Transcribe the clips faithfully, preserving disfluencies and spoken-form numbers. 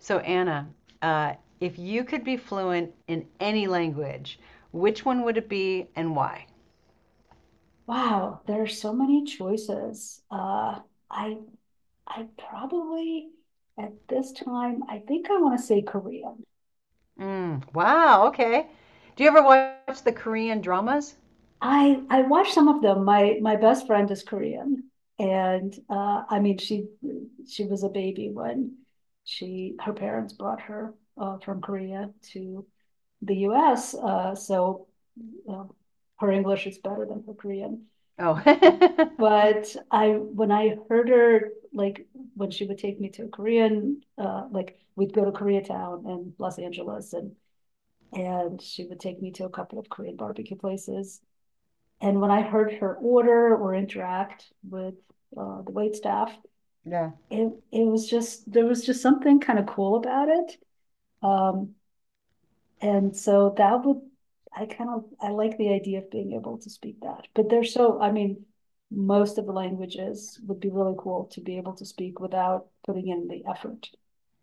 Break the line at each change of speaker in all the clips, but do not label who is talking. So Anna, uh, if you could be fluent in any language, which one would it be and why?
Wow, there are so many choices. Uh, I I probably at this time, I think I want to say Korean.
Mm, wow, okay. Do you ever watch the Korean dramas?
I I watch some of them. My my best friend is Korean, and uh, I mean she she was a baby when she her parents brought her uh, from Korea to the U S. Uh, so uh, Her English is better than her Korean.
Oh.
But I, when I heard her, like, when she would take me to Korean, uh, like, we'd go to Koreatown and Los Angeles, and and she would take me to a couple of Korean barbecue places. And when I heard her order or interact with uh, the waitstaff,
Yeah.
it, it was just there was just something kind of cool about it. Um, and so that would, I kind of, I like the idea of being able to speak that, but they're so, I mean, most of the languages would be really cool to be able to speak without putting in the effort.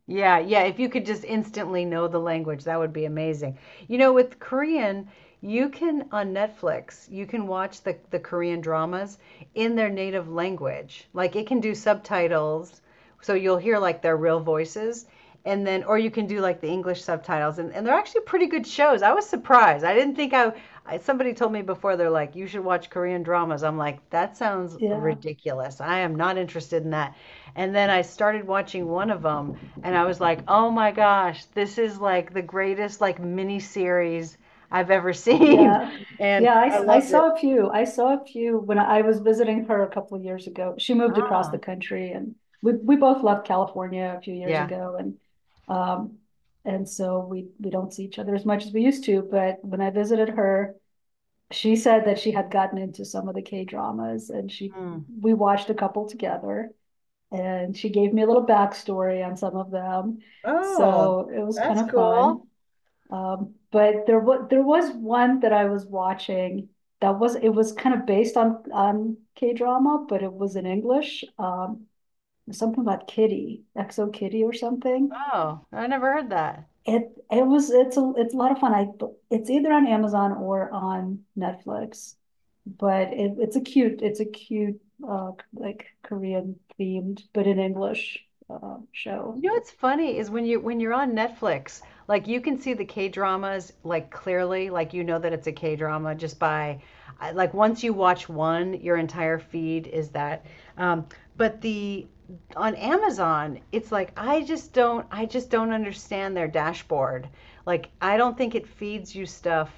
Yeah, yeah. If you could just instantly know the language, that would be amazing. You know, with Korean, you can on Netflix, you can watch the, the Korean dramas in their native language. Like it can do subtitles, so you'll hear like their real voices. And then, or you can do like the English subtitles, and, and they're actually pretty good shows. I was surprised. I didn't think I, I. Somebody told me before, they're like, you should watch Korean dramas. I'm like, that sounds
Yeah,
ridiculous. I am not interested in that. And then I started watching one of them, and I was like, "Oh my gosh, this is like the greatest like mini series I've ever seen,"
yeah.
and
Yeah,
I
I I
loved it.
saw a few. I saw a few when I was visiting her a couple of years ago. She moved across the
Ah,
country, and we, we both left California a few years
yeah.
ago, and um and so we we don't see each other as much as we used to, but when I visited her, she said that she had gotten into some of the K dramas, and she
Mm.
we watched a couple together, and she gave me a little backstory on some of them.
Oh,
So it was kind
that's
of fun.
cool.
Um, but there was there was one that I was watching that was it was kind of based on on K drama, but it was in English. Um, something about Kitty, Exo Kitty or something.
Oh, I never heard that.
It it was it's a it's a lot of fun. I it's either on Amazon or on Netflix, but it, it's a cute it's a cute uh like Korean themed but in English, uh,
You
show.
know what's funny is when you when you're on Netflix, like you can see the K-dramas like clearly, like you know that it's a K-drama just by I- like once you watch one, your entire feed is that. Um, but the on Amazon, it's like I just don't I just don't understand their dashboard. Like I don't think it feeds you stuff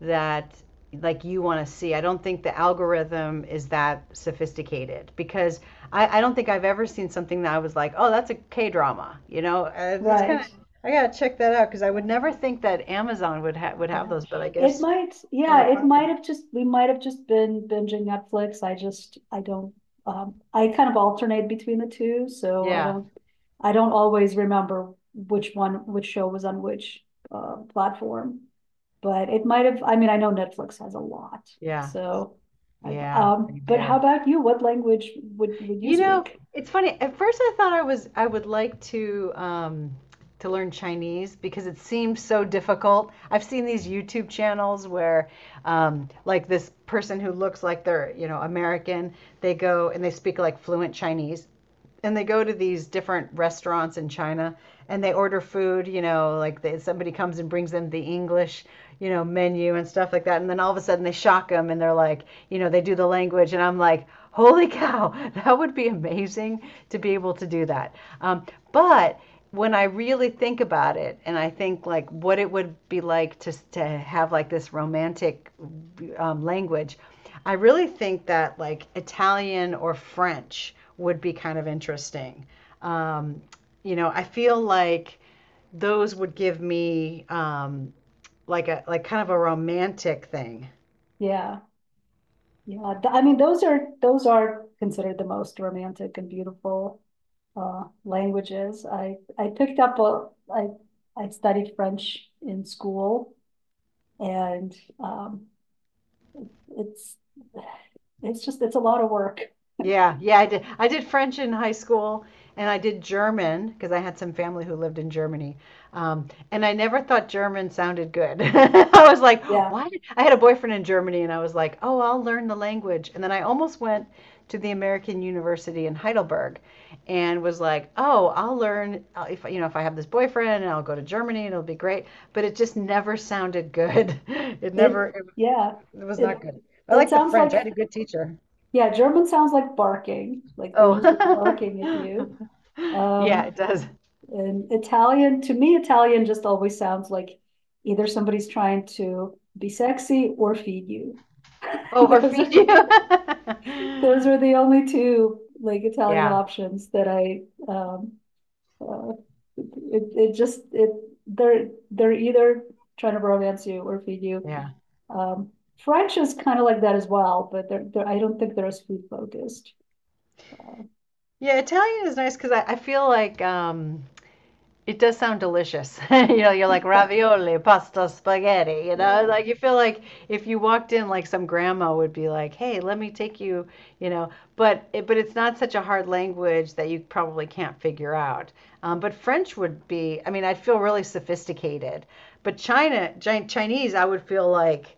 that like you want to see. I don't think the algorithm is that sophisticated because I, I don't think I've ever seen something that I was like, oh, that's a K drama. You know, Uh, it's kind of
Right.
I gotta check that out because I would never think that Amazon would have would have
Yeah.
those, but I
It
guess
might,
another
yeah, it
platform.
might have just we might have just been binging Netflix. I just I don't um I kind of alternate between the two, so I
Yeah,
don't I don't always remember which one which show was on which uh platform. But it might have, I mean, I know Netflix has a lot.
yeah,
So I
yeah,
um
they
but
do.
how about you? What language would would you
You know,
speak?
it's funny. At first, I thought I was I would like to um, to learn Chinese because it seems so difficult. I've seen these YouTube channels where, um, like this person who looks like they're you know American, they go and they speak like fluent Chinese, and they go to these different restaurants in China and they order food, you know, like they, somebody comes and brings them the English, you know, menu and stuff like that. And then all of a sudden they shock them and they're like, you know, they do the language. And I'm like, holy cow, that would be amazing to be able to do that. Um, but when I really think about it and I think like what it would be like to, to have like this romantic um, language, I really think that like Italian or French would be kind of interesting. Um, you know, I feel like those would give me um, like a like kind of a romantic thing.
Yeah. Yeah, th- I mean, those are those are considered the most romantic and beautiful uh, languages. I I picked up a I I studied French in school, and um, it's it's just it's a lot of work.
Yeah, yeah, I did. I did French in high school, and I did German because I had some family who lived in Germany. Um, and I never thought German sounded good. I was like,
Yeah,
why? did-" I had a boyfriend in Germany, and I was like, oh, I'll learn the language. And then I almost went to the American University in Heidelberg, and was like, oh, I'll learn uh, if you know if I have this boyfriend, and I'll go to Germany, and it'll be great. But it just never sounded good. It
it
never. It,
yeah
it was not
it
good. I
it
like the
sounds
French. I had
like
a good teacher.
yeah German sounds like barking, like they're just
Oh.
barking at you.
Yeah,
Um,
it does.
And Italian, to me, Italian just always sounds like either somebody's trying to be sexy or feed you.
Oh, or
those
feed
are
you.
those are the only two like Italian
Yeah,
options that I um uh, it it just it they're they're either trying to romance you or feed you.
yeah.
Um, French is kind of like that as well, but they're, they're, I don't think they're as food focused. Uh,
Yeah, Italian is nice because I, I feel like um it does sound delicious. You know, you're like
but
ravioli, pasta, spaghetti. You know,
yeah,
like you feel like if you walked in, like some grandma would be like, "Hey, let me take you." You know, but it, but it's not such a hard language that you probably can't figure out. Um, but French would be. I mean, I'd feel really sophisticated. But China, Chinese, I would feel like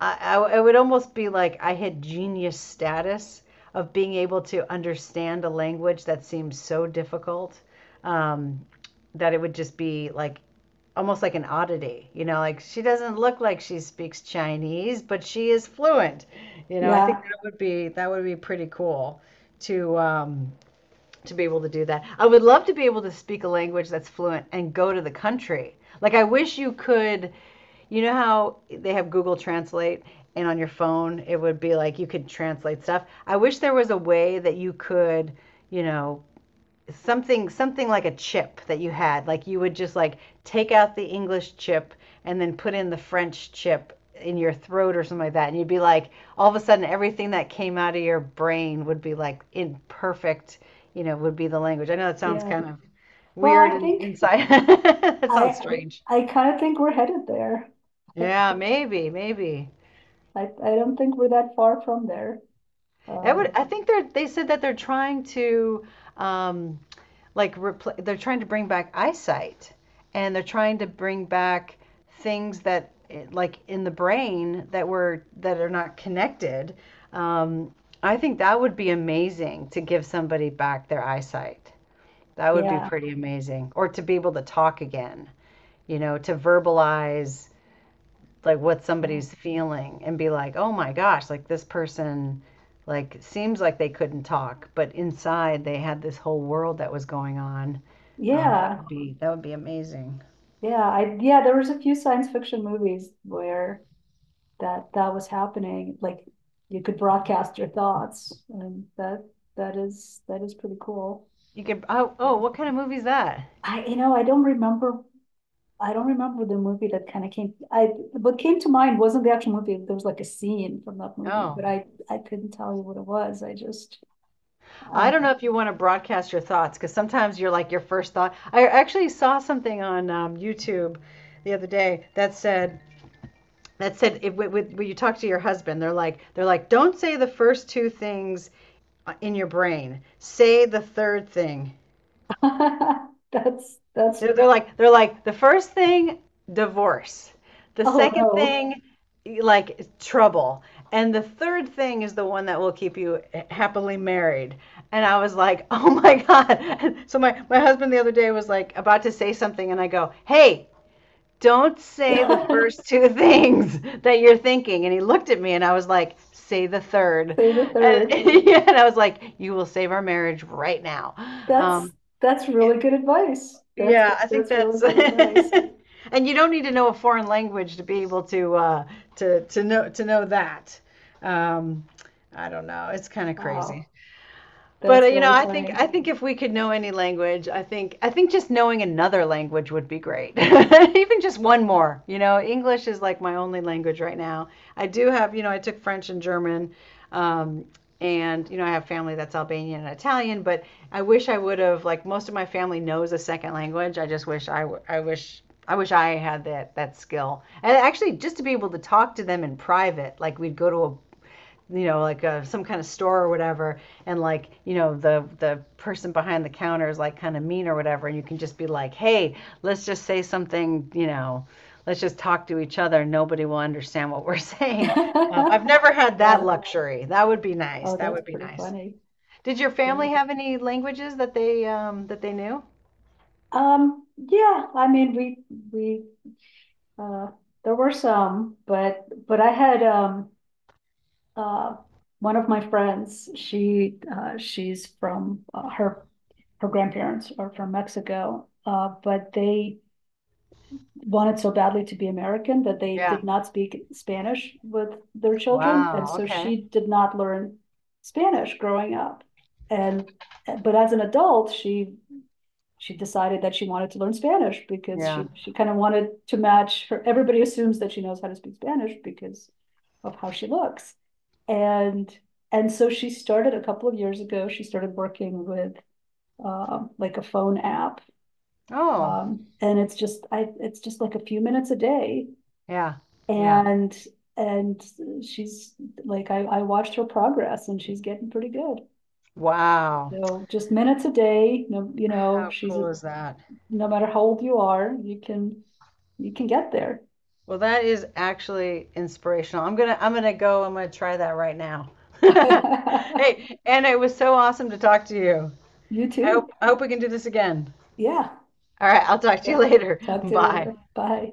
I, I, would almost be like I had genius status of being able to understand a language that seems so difficult um, that it would just be like almost like an oddity. You know, like she doesn't look like she speaks Chinese, but she is fluent. You know, I think
yeah,
that would be that would be pretty cool to um, to be able to do that. I would love to be able to speak a language that's fluent and go to the country. Like I wish you could you know how they have Google Translate, and on your phone it would be like you could translate stuff. I wish there was a way that you could, you know, something something like a chip that you had. Like you would just like take out the English chip and then put in the French chip in your throat or something like that, and you'd be like all of a sudden everything that came out of your brain would be like in perfect, you know, would be the language. I know that sounds
yeah.
kind of
Well,
weird
I
and
think
inside. That sounds
I
strange.
I kind of think we're headed there. I,
Yeah, maybe, maybe.
I I don't think we're that far from there.
I would.
Um,
I think they're. They said that they're trying to, um, like, repl- they're trying to bring back eyesight, and they're trying to bring back things that, eh, like, in the brain that were that are not connected. Um, I think that would be amazing to give somebody back their eyesight. That would be
yeah,
pretty amazing, or to be able to talk again. You know, to verbalize like what
yeah,
somebody's feeling and be like, oh my gosh, like this person like seems like they couldn't talk, but inside they had this whole world that was going on. Um, that
yeah,
would be that would be amazing.
yeah. I yeah, there was a few science fiction movies where that that was happening. Like you could broadcast your thoughts, and that that is that is pretty cool.
You could Oh, oh, what kind of movie is that?
I you know I don't remember. I don't remember the movie that kind of came. I, what came to mind wasn't the actual movie. There was like a scene from that movie, but
Oh,
I I couldn't tell you what it was. I just I
I don't know if you want to broadcast your thoughts because sometimes you're like your first thought. I actually saw something on um, YouTube the other day that said that said if, when you talk to your husband, they're like they're like don't say the first two things uh, in your brain. Say the third thing.
That's that's
They're, they're like they're like the first thing, divorce. The
oh
second
no.
thing, like trouble. And the third thing is the one that will keep you happily married. And I was like, oh my God. So my, my husband the other day was like about to say something, and I go, hey, don't say the first two things that you're thinking. And he looked at me, and I was like, say the third.
Say the
And,
third.
and I was like, you will save our marriage right now.
That's
Um,
that's really good advice. That's
yeah, I think
that's really
that's.
good advice.
And you don't need to know a foreign language to be able to uh, to to know to know that. Um, I don't know. It's kind of
Wow.
crazy. But uh,
That's
you know,
really
I think I
funny.
think if we could know any language, I think I think just knowing another language would be great. Even just one more. You know, English is like my only language right now. I do have, you know, I took French and German, um, and you know, I have family that's Albanian and Italian. But I wish I would have like most of my family knows a second language. I just wish I w- I wish I wish I had that that skill. And actually, just to be able to talk to them in private, like we'd go to a you know, like uh, some kind of store or whatever, and like, you know, the the person behind the counter is like kind of mean or whatever, and you can just be like, hey, let's just say something, you know, let's just talk to each other. Nobody will understand what we're saying. Um, I've never had
Yeah.
that luxury. That would be nice.
Oh,
That
that's
would be
pretty
nice.
funny.
Did your
Yeah.
family have any languages that they um, that they knew?
Um, yeah, I mean we we uh there were some, but but I had um uh, one of my friends, she, uh, she's from, uh, her, her grandparents are from Mexico, uh, but they wanted so badly to be American that they
Yeah.
did not speak Spanish with their children. And
Wow.
so
Okay.
she did not learn Spanish growing up. And, but as an adult, she she decided that she wanted to learn Spanish because
Yeah.
she, she kind of wanted to match her. Everybody assumes that she knows how to speak Spanish because of how she looks. And and so she started a couple of years ago, she started working with um like a phone app.
Oh.
Um, and it's just I it's just like a few minutes a day.
Yeah. Yeah.
And and she's like, I, I watched her progress and she's getting pretty good.
Wow.
So just minutes a day, no, you know,
How
she's
cool is that?
no matter how old you are, you can you can get there.
Well, that is actually inspirational. I'm gonna I'm gonna go. I'm gonna try that right now. Hey, Anna, it was so awesome to talk to you.
You
I hope
too.
I hope we can do this again.
Yeah.
All right, I'll talk to you
Right.
later.
Talk to you
Bye.
later. Bye.